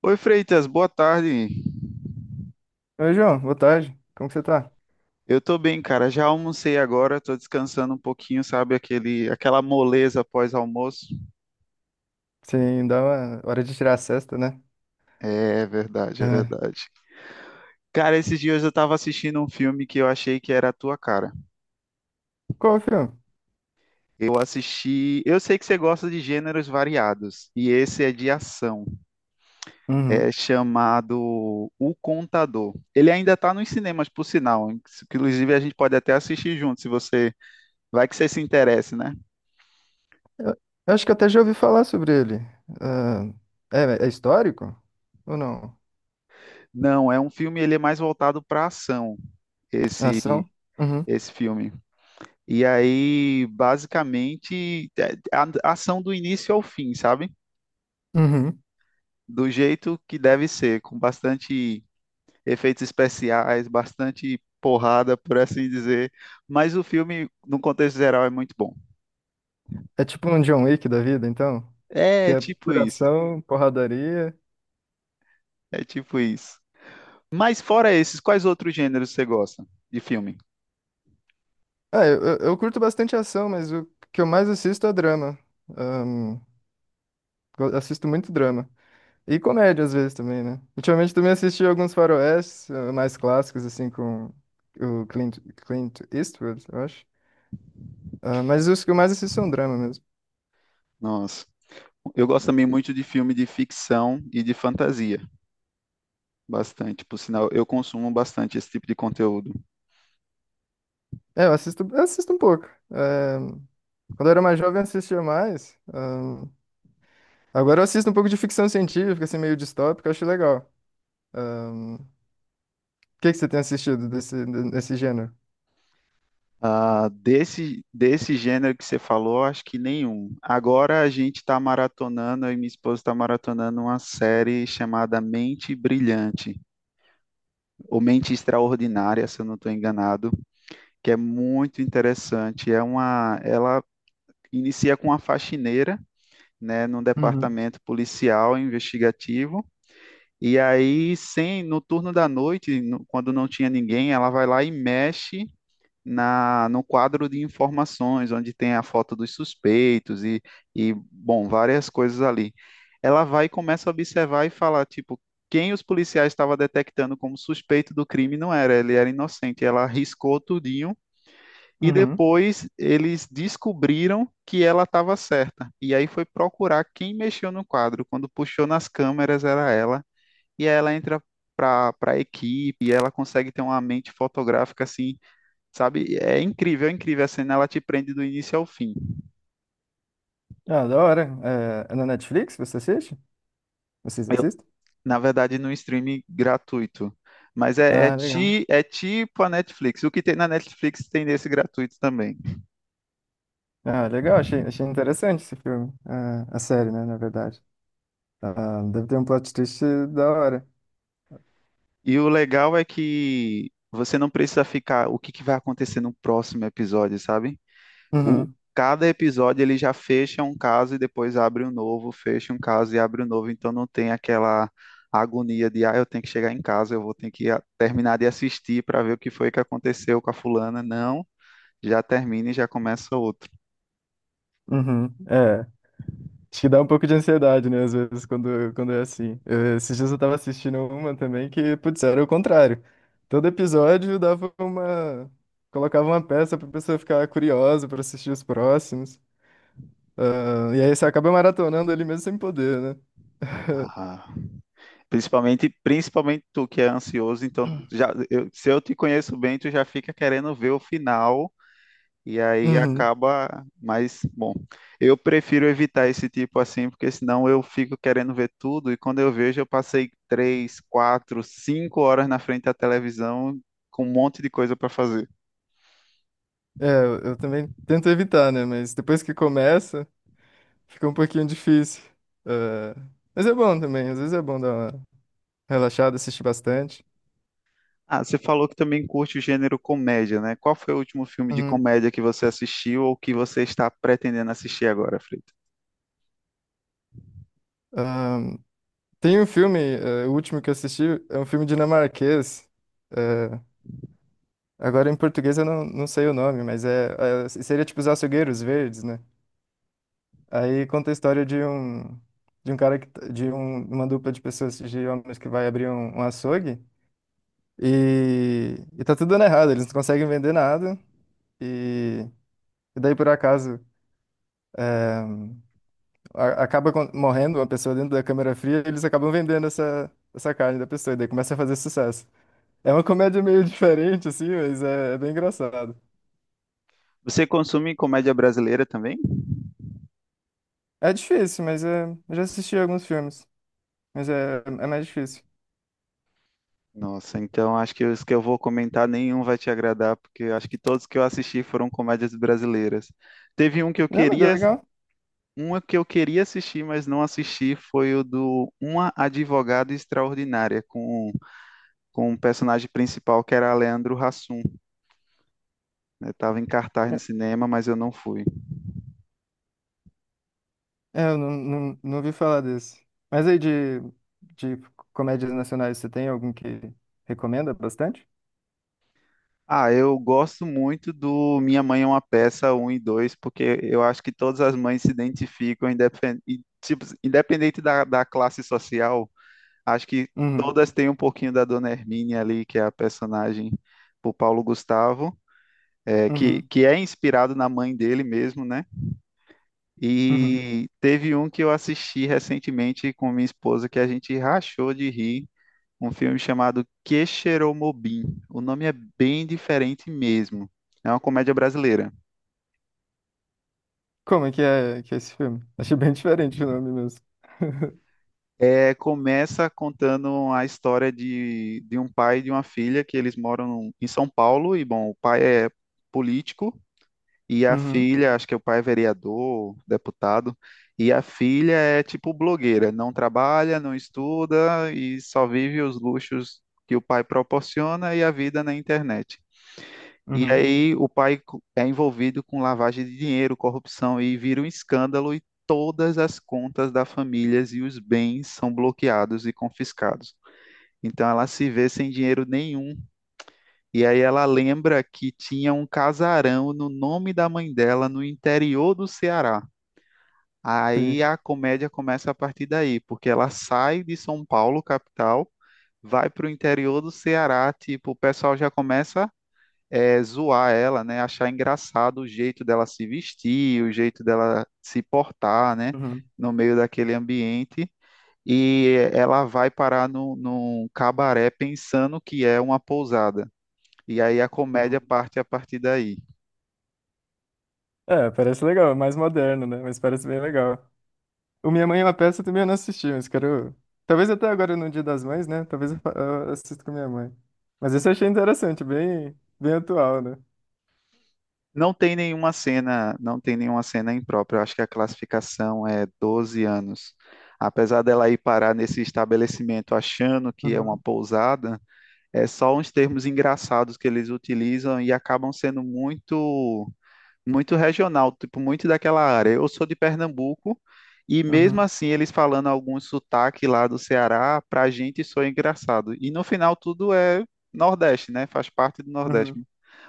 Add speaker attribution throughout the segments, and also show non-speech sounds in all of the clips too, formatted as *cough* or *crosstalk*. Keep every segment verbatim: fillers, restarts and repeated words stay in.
Speaker 1: Oi, Freitas, boa tarde.
Speaker 2: Oi, João, boa tarde. Como que você tá?
Speaker 1: Eu tô bem, cara. Já almocei agora, tô descansando um pouquinho, sabe? Aquele, aquela moleza pós-almoço.
Speaker 2: Sim, dá uma hora de tirar a cesta, né?
Speaker 1: É verdade, é
Speaker 2: É.
Speaker 1: verdade. Cara, esses dias eu tava assistindo um filme que eu achei que era a tua cara.
Speaker 2: Qual o filme?
Speaker 1: Eu assisti. Eu sei que você gosta de gêneros variados, e esse é de ação.
Speaker 2: Uhum.
Speaker 1: É chamado O Contador. Ele ainda tá nos cinemas, por sinal. Inclusive, a gente pode até assistir junto, se você. Vai que você se interesse, né?
Speaker 2: Eu, eu acho que até já ouvi falar sobre ele. Ah, é, é histórico? Ou não?
Speaker 1: Não, é um filme, ele é mais voltado para ação.
Speaker 2: É
Speaker 1: esse,
Speaker 2: Ação? Uhum.
Speaker 1: esse filme. E aí, basicamente, é, a a ação do início ao fim, sabe?
Speaker 2: Uhum.
Speaker 1: Do jeito que deve ser, com bastante efeitos especiais, bastante porrada, por assim dizer. Mas o filme, no contexto geral, é muito bom.
Speaker 2: É tipo um John Wick da vida, então? Que
Speaker 1: É
Speaker 2: é
Speaker 1: tipo
Speaker 2: pura
Speaker 1: isso.
Speaker 2: ação, porradaria.
Speaker 1: É tipo isso. Mas fora esses, quais outros gêneros você gosta de filme?
Speaker 2: Ah, eu, eu, eu curto bastante ação, mas o que eu mais assisto é drama. Ahn, eu assisto muito drama. E comédia às vezes também, né? Ultimamente também assisti alguns faroestes eh, mais clássicos, assim, com o Clint, Clint Eastwood, eu acho. Ah, mas os que eu mais assisto são drama mesmo.
Speaker 1: Nossa, eu gosto também muito de filme de ficção e de fantasia. Bastante, por sinal, eu consumo bastante esse tipo de conteúdo.
Speaker 2: É, eu assisto, eu assisto um pouco. Eh, Quando eu era mais jovem, eu assistia mais. Ahn, agora eu assisto um pouco de ficção científica, assim, meio distópica, eu acho legal. Ahn, O que que você tem assistido desse, desse gênero?
Speaker 1: Ah, desse, desse gênero que você falou, acho que nenhum. Agora a gente está maratonando, eu e minha esposa está maratonando uma série chamada Mente Brilhante, ou Mente Extraordinária, se eu não estou enganado, que é muito interessante. É uma, ela inicia com uma faxineira, né, num
Speaker 2: Uhum,
Speaker 1: departamento policial investigativo. E aí, sem, no turno da noite, no- quando não tinha ninguém, ela vai lá e mexe na, no quadro de informações, onde tem a foto dos suspeitos e, e, bom, várias coisas ali. Ela vai e começa a observar e falar, tipo, quem os policiais estavam detectando como suspeito do crime não era, ele era inocente. Ela arriscou tudinho e
Speaker 2: uhum.
Speaker 1: depois eles descobriram que ela estava certa. E aí foi procurar quem mexeu no quadro. Quando puxou nas câmeras era ela. E aí ela entra para para a equipe e ela consegue ter uma mente fotográfica assim. Sabe? É incrível, é incrível. A cena ela te prende do início ao fim.
Speaker 2: Ah, da hora. É, é na Netflix você assiste? Vocês
Speaker 1: Eu-
Speaker 2: assistem?
Speaker 1: Na verdade, no streaming gratuito. Mas é, é,
Speaker 2: Ah, legal.
Speaker 1: ti, é tipo a Netflix. O que tem na Netflix tem nesse gratuito também.
Speaker 2: Ah, legal, achei, achei interessante esse filme. Ah, a série, né, na verdade. Ah, deve ter um plot twist da hora.
Speaker 1: E o legal é que você não precisa ficar o que que vai acontecer no próximo episódio, sabe? O,
Speaker 2: Uhum,
Speaker 1: Cada episódio ele já fecha um caso e depois abre um novo, fecha um caso e abre um novo, então não tem aquela agonia de, ah, eu tenho que chegar em casa, eu vou ter que a- terminar de assistir para ver o que foi que aconteceu com a fulana. Não, já termina e já começa outro.
Speaker 2: uhum, é. Acho que dá um pouco de ansiedade, né, às vezes, quando, quando é assim. Eu- esses dias eu tava assistindo uma também que, putz, era o contrário. Todo episódio dava uma. Colocava uma peça pra pessoa ficar curiosa pra assistir os próximos. Ah, e aí você acaba maratonando ali mesmo sem poder, né?
Speaker 1: Ah, principalmente, principalmente tu que é ansioso, então já, eu- se eu te conheço bem, tu já fica querendo ver o final. E aí
Speaker 2: Uhum.
Speaker 1: acaba, mas bom, eu prefiro evitar esse tipo assim, porque senão eu fico querendo ver tudo e quando eu vejo eu passei três, quatro, cinco horas na frente da televisão com um monte de coisa para fazer.
Speaker 2: É, eu eu também tento evitar, né? Mas depois que começa. Fica um pouquinho difícil. É, mas é bom também, às vezes é bom dar uma relaxada, assistir bastante.
Speaker 1: Ah, você falou que também curte o gênero comédia, né? Qual foi o último filme de
Speaker 2: Uhum.
Speaker 1: comédia que você assistiu ou que você está pretendendo assistir agora, Frito?
Speaker 2: Ahn, Tem um filme, eh, o último que eu assisti, é um filme dinamarquês. eh, Agora em português eu não, não sei o nome, mas é, é- seria tipo Os Açougueiros Verdes, né? Aí conta a história de um de um cara que, t- de um- uma dupla de pessoas, de homens que vai abrir um, um açougue e, e tá tudo dando errado, eles não conseguem vender nada e, e daí por acaso é, a- acaba con- morrendo uma pessoa dentro da câmera fria, eles acabam vendendo essa, essa carne da pessoa, e daí começa a fazer sucesso. É uma comédia meio *laughs* diferente, assim, mas é, é bem engraçado.
Speaker 1: Você consome comédia brasileira também?
Speaker 2: É difícil, mas é, eu já assisti alguns filmes, mas é, é mais difícil.
Speaker 1: Nossa, então acho que os que eu vou comentar nenhum vai te agradar, porque acho que todos que eu assisti foram comédias brasileiras. Teve um que eu
Speaker 2: Não, mas é
Speaker 1: queria,
Speaker 2: legal.
Speaker 1: Uma que eu queria assistir, mas não assisti, foi o do Uma Advogada Extraordinária, com, com o personagem principal que era Leandro Hassum. Né? Tava em cartaz no
Speaker 2: É,
Speaker 1: cinema, mas eu não fui.
Speaker 2: é, eu não, não, não ouvi falar desse. Mas aí de, de comédias nacionais, você tem algum que recomenda bastante?
Speaker 1: Ah, eu gosto muito do Minha Mãe é uma Peça um e dois porque eu acho que todas as mães se identificam, independ... e, tipo, independente da, da classe social. Acho que
Speaker 2: Uhum,
Speaker 1: todas têm um pouquinho da Dona Hermínia ali, que é a personagem do Paulo Gustavo, é, que,
Speaker 2: uhum,
Speaker 1: que é inspirado na mãe dele mesmo, né?
Speaker 2: uhum.
Speaker 1: E teve um que eu assisti recentemente com minha esposa que a gente rachou de rir, um filme chamado Que. O nome é bem diferente mesmo. É uma comédia brasileira.
Speaker 2: Como é que é, que é esse filme? Achei bem *laughs* diferente o nome mesmo. *laughs*
Speaker 1: É, começa contando a história de, de um pai e de uma filha que eles moram em São Paulo e, bom, o pai é político. E a
Speaker 2: Uhum,
Speaker 1: filha, acho que é o pai é vereador, deputado, e a filha é tipo blogueira, não trabalha, não estuda e só vive os luxos que o pai proporciona e a vida na internet. E
Speaker 2: uhum.
Speaker 1: aí o pai co- é envolvido com lavagem de dinheiro, corrupção e vira um escândalo e todas as contas da família e os bens são bloqueados e confiscados. Então ela se vê sem dinheiro nenhum e aí ela lembra que tinha um casarão no nome da mãe dela no interior do Ceará. Aí
Speaker 2: Sim.
Speaker 1: a comédia começa a partir daí, porque ela sai de São Paulo, capital, vai para o interior do Ceará, tipo, o pessoal já começa é, zoar ela, né? Achar engraçado o jeito dela se vestir, o jeito dela se portar, né?
Speaker 2: Uhum,
Speaker 1: No meio daquele ambiente. E ela vai parar num num cabaré pensando que é uma pousada. E aí a comédia
Speaker 2: não.
Speaker 1: parte a partir daí.
Speaker 2: É, parece legal, é mais moderno, né? Mas parece bem legal. O Minha Mãe é uma Peça também eu não assisti, mas quero. Talvez até agora no Dia das Mães, né? Talvez eu fa- eu assista com minha mãe. Mas esse eu achei interessante, bem, bem atual, né?
Speaker 1: Não tem nenhuma cena, não tem nenhuma cena imprópria. Eu acho que a classificação é doze anos. Apesar dela ir parar nesse estabelecimento achando que é uma
Speaker 2: Uhum,
Speaker 1: pousada, é só uns termos engraçados que eles utilizam e acabam sendo muito muito regional, tipo muito daquela área. Eu sou de Pernambuco e mesmo
Speaker 2: uhum,
Speaker 1: assim eles falando algum sotaque lá do Ceará, pra gente soa engraçado. E no final tudo é Nordeste, né? Faz parte do Nordeste.
Speaker 2: uhum.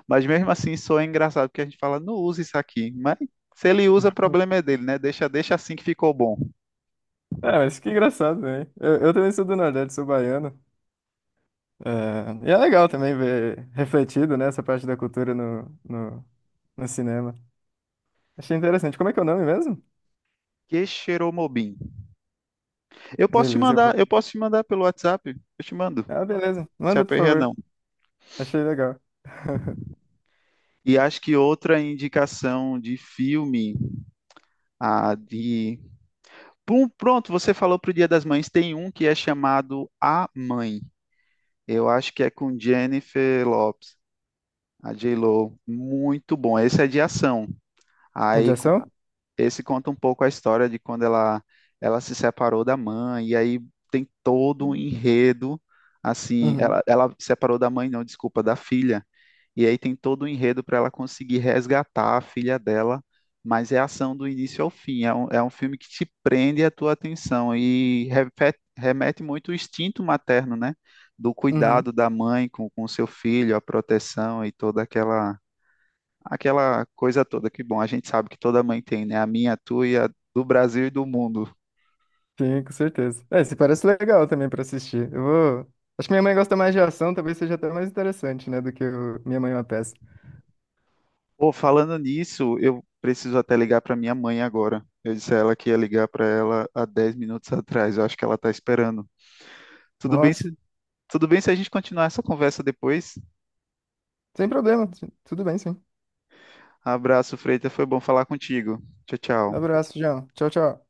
Speaker 1: Mas mesmo assim soa engraçado porque a gente fala, não usa isso aqui. Mas se ele usa, problema é dele, né? Deixa, deixa assim que ficou bom.
Speaker 2: É, mas que engraçado, né? Eu, eu também sou do Nordeste, sou baiano. É, e é legal também ver refletido, né, essa parte da cultura no, no, no cinema. Achei interessante. Como é que é o nome mesmo?
Speaker 1: Que cheiromobim. Eu posso te
Speaker 2: Beleza, eu vou.
Speaker 1: mandar, eu posso te mandar pelo WhatsApp, eu te mando.
Speaker 2: Ah, beleza.
Speaker 1: Se
Speaker 2: Manda, por
Speaker 1: aperreia não.
Speaker 2: favor. Achei legal. *laughs*
Speaker 1: E acho que outra indicação de filme, a de Pum, pronto, você falou pro Dia das Mães, tem um que é chamado A Mãe. Eu acho que é com Jennifer Lopez, a J-Lo. Muito bom. Esse é de ação.
Speaker 2: É de
Speaker 1: Aí
Speaker 2: ação?
Speaker 1: esse conta um pouco a história de quando ela, ela se separou da mãe, e aí tem todo um enredo, assim,
Speaker 2: Uhum.
Speaker 1: ela, ela se separou da mãe, não, desculpa, da filha, e aí tem todo um enredo para ela conseguir resgatar a filha dela, mas é ação do início ao fim, é um, é um filme que te prende a tua atenção e repete- remete muito o instinto materno, né? Do
Speaker 2: Uhum.
Speaker 1: cuidado da mãe com o seu filho, a proteção e toda aquela aquela coisa toda que, bom, a gente sabe que toda mãe tem, né? A minha, a tua e a do Brasil e do mundo.
Speaker 2: Sim, com certeza. É, esse parece legal também pra assistir. Eu vou. Acho que minha mãe gosta mais de ação, talvez seja até mais interessante, né, do que o Minha Mãe é uma Peça.
Speaker 1: Pô, falando nisso, eu preciso até ligar para minha mãe agora. Eu disse a ela que ia ligar para ela há dez minutos atrás. Eu acho que ela tá esperando. Tudo bem
Speaker 2: Nossa,
Speaker 1: se, tudo bem se a gente continuar essa conversa depois?
Speaker 2: sem problema, tudo bem, sim.
Speaker 1: Abraço, Freita. Foi bom falar contigo. Tchau, tchau.
Speaker 2: Abraço, João. Tchau, tchau.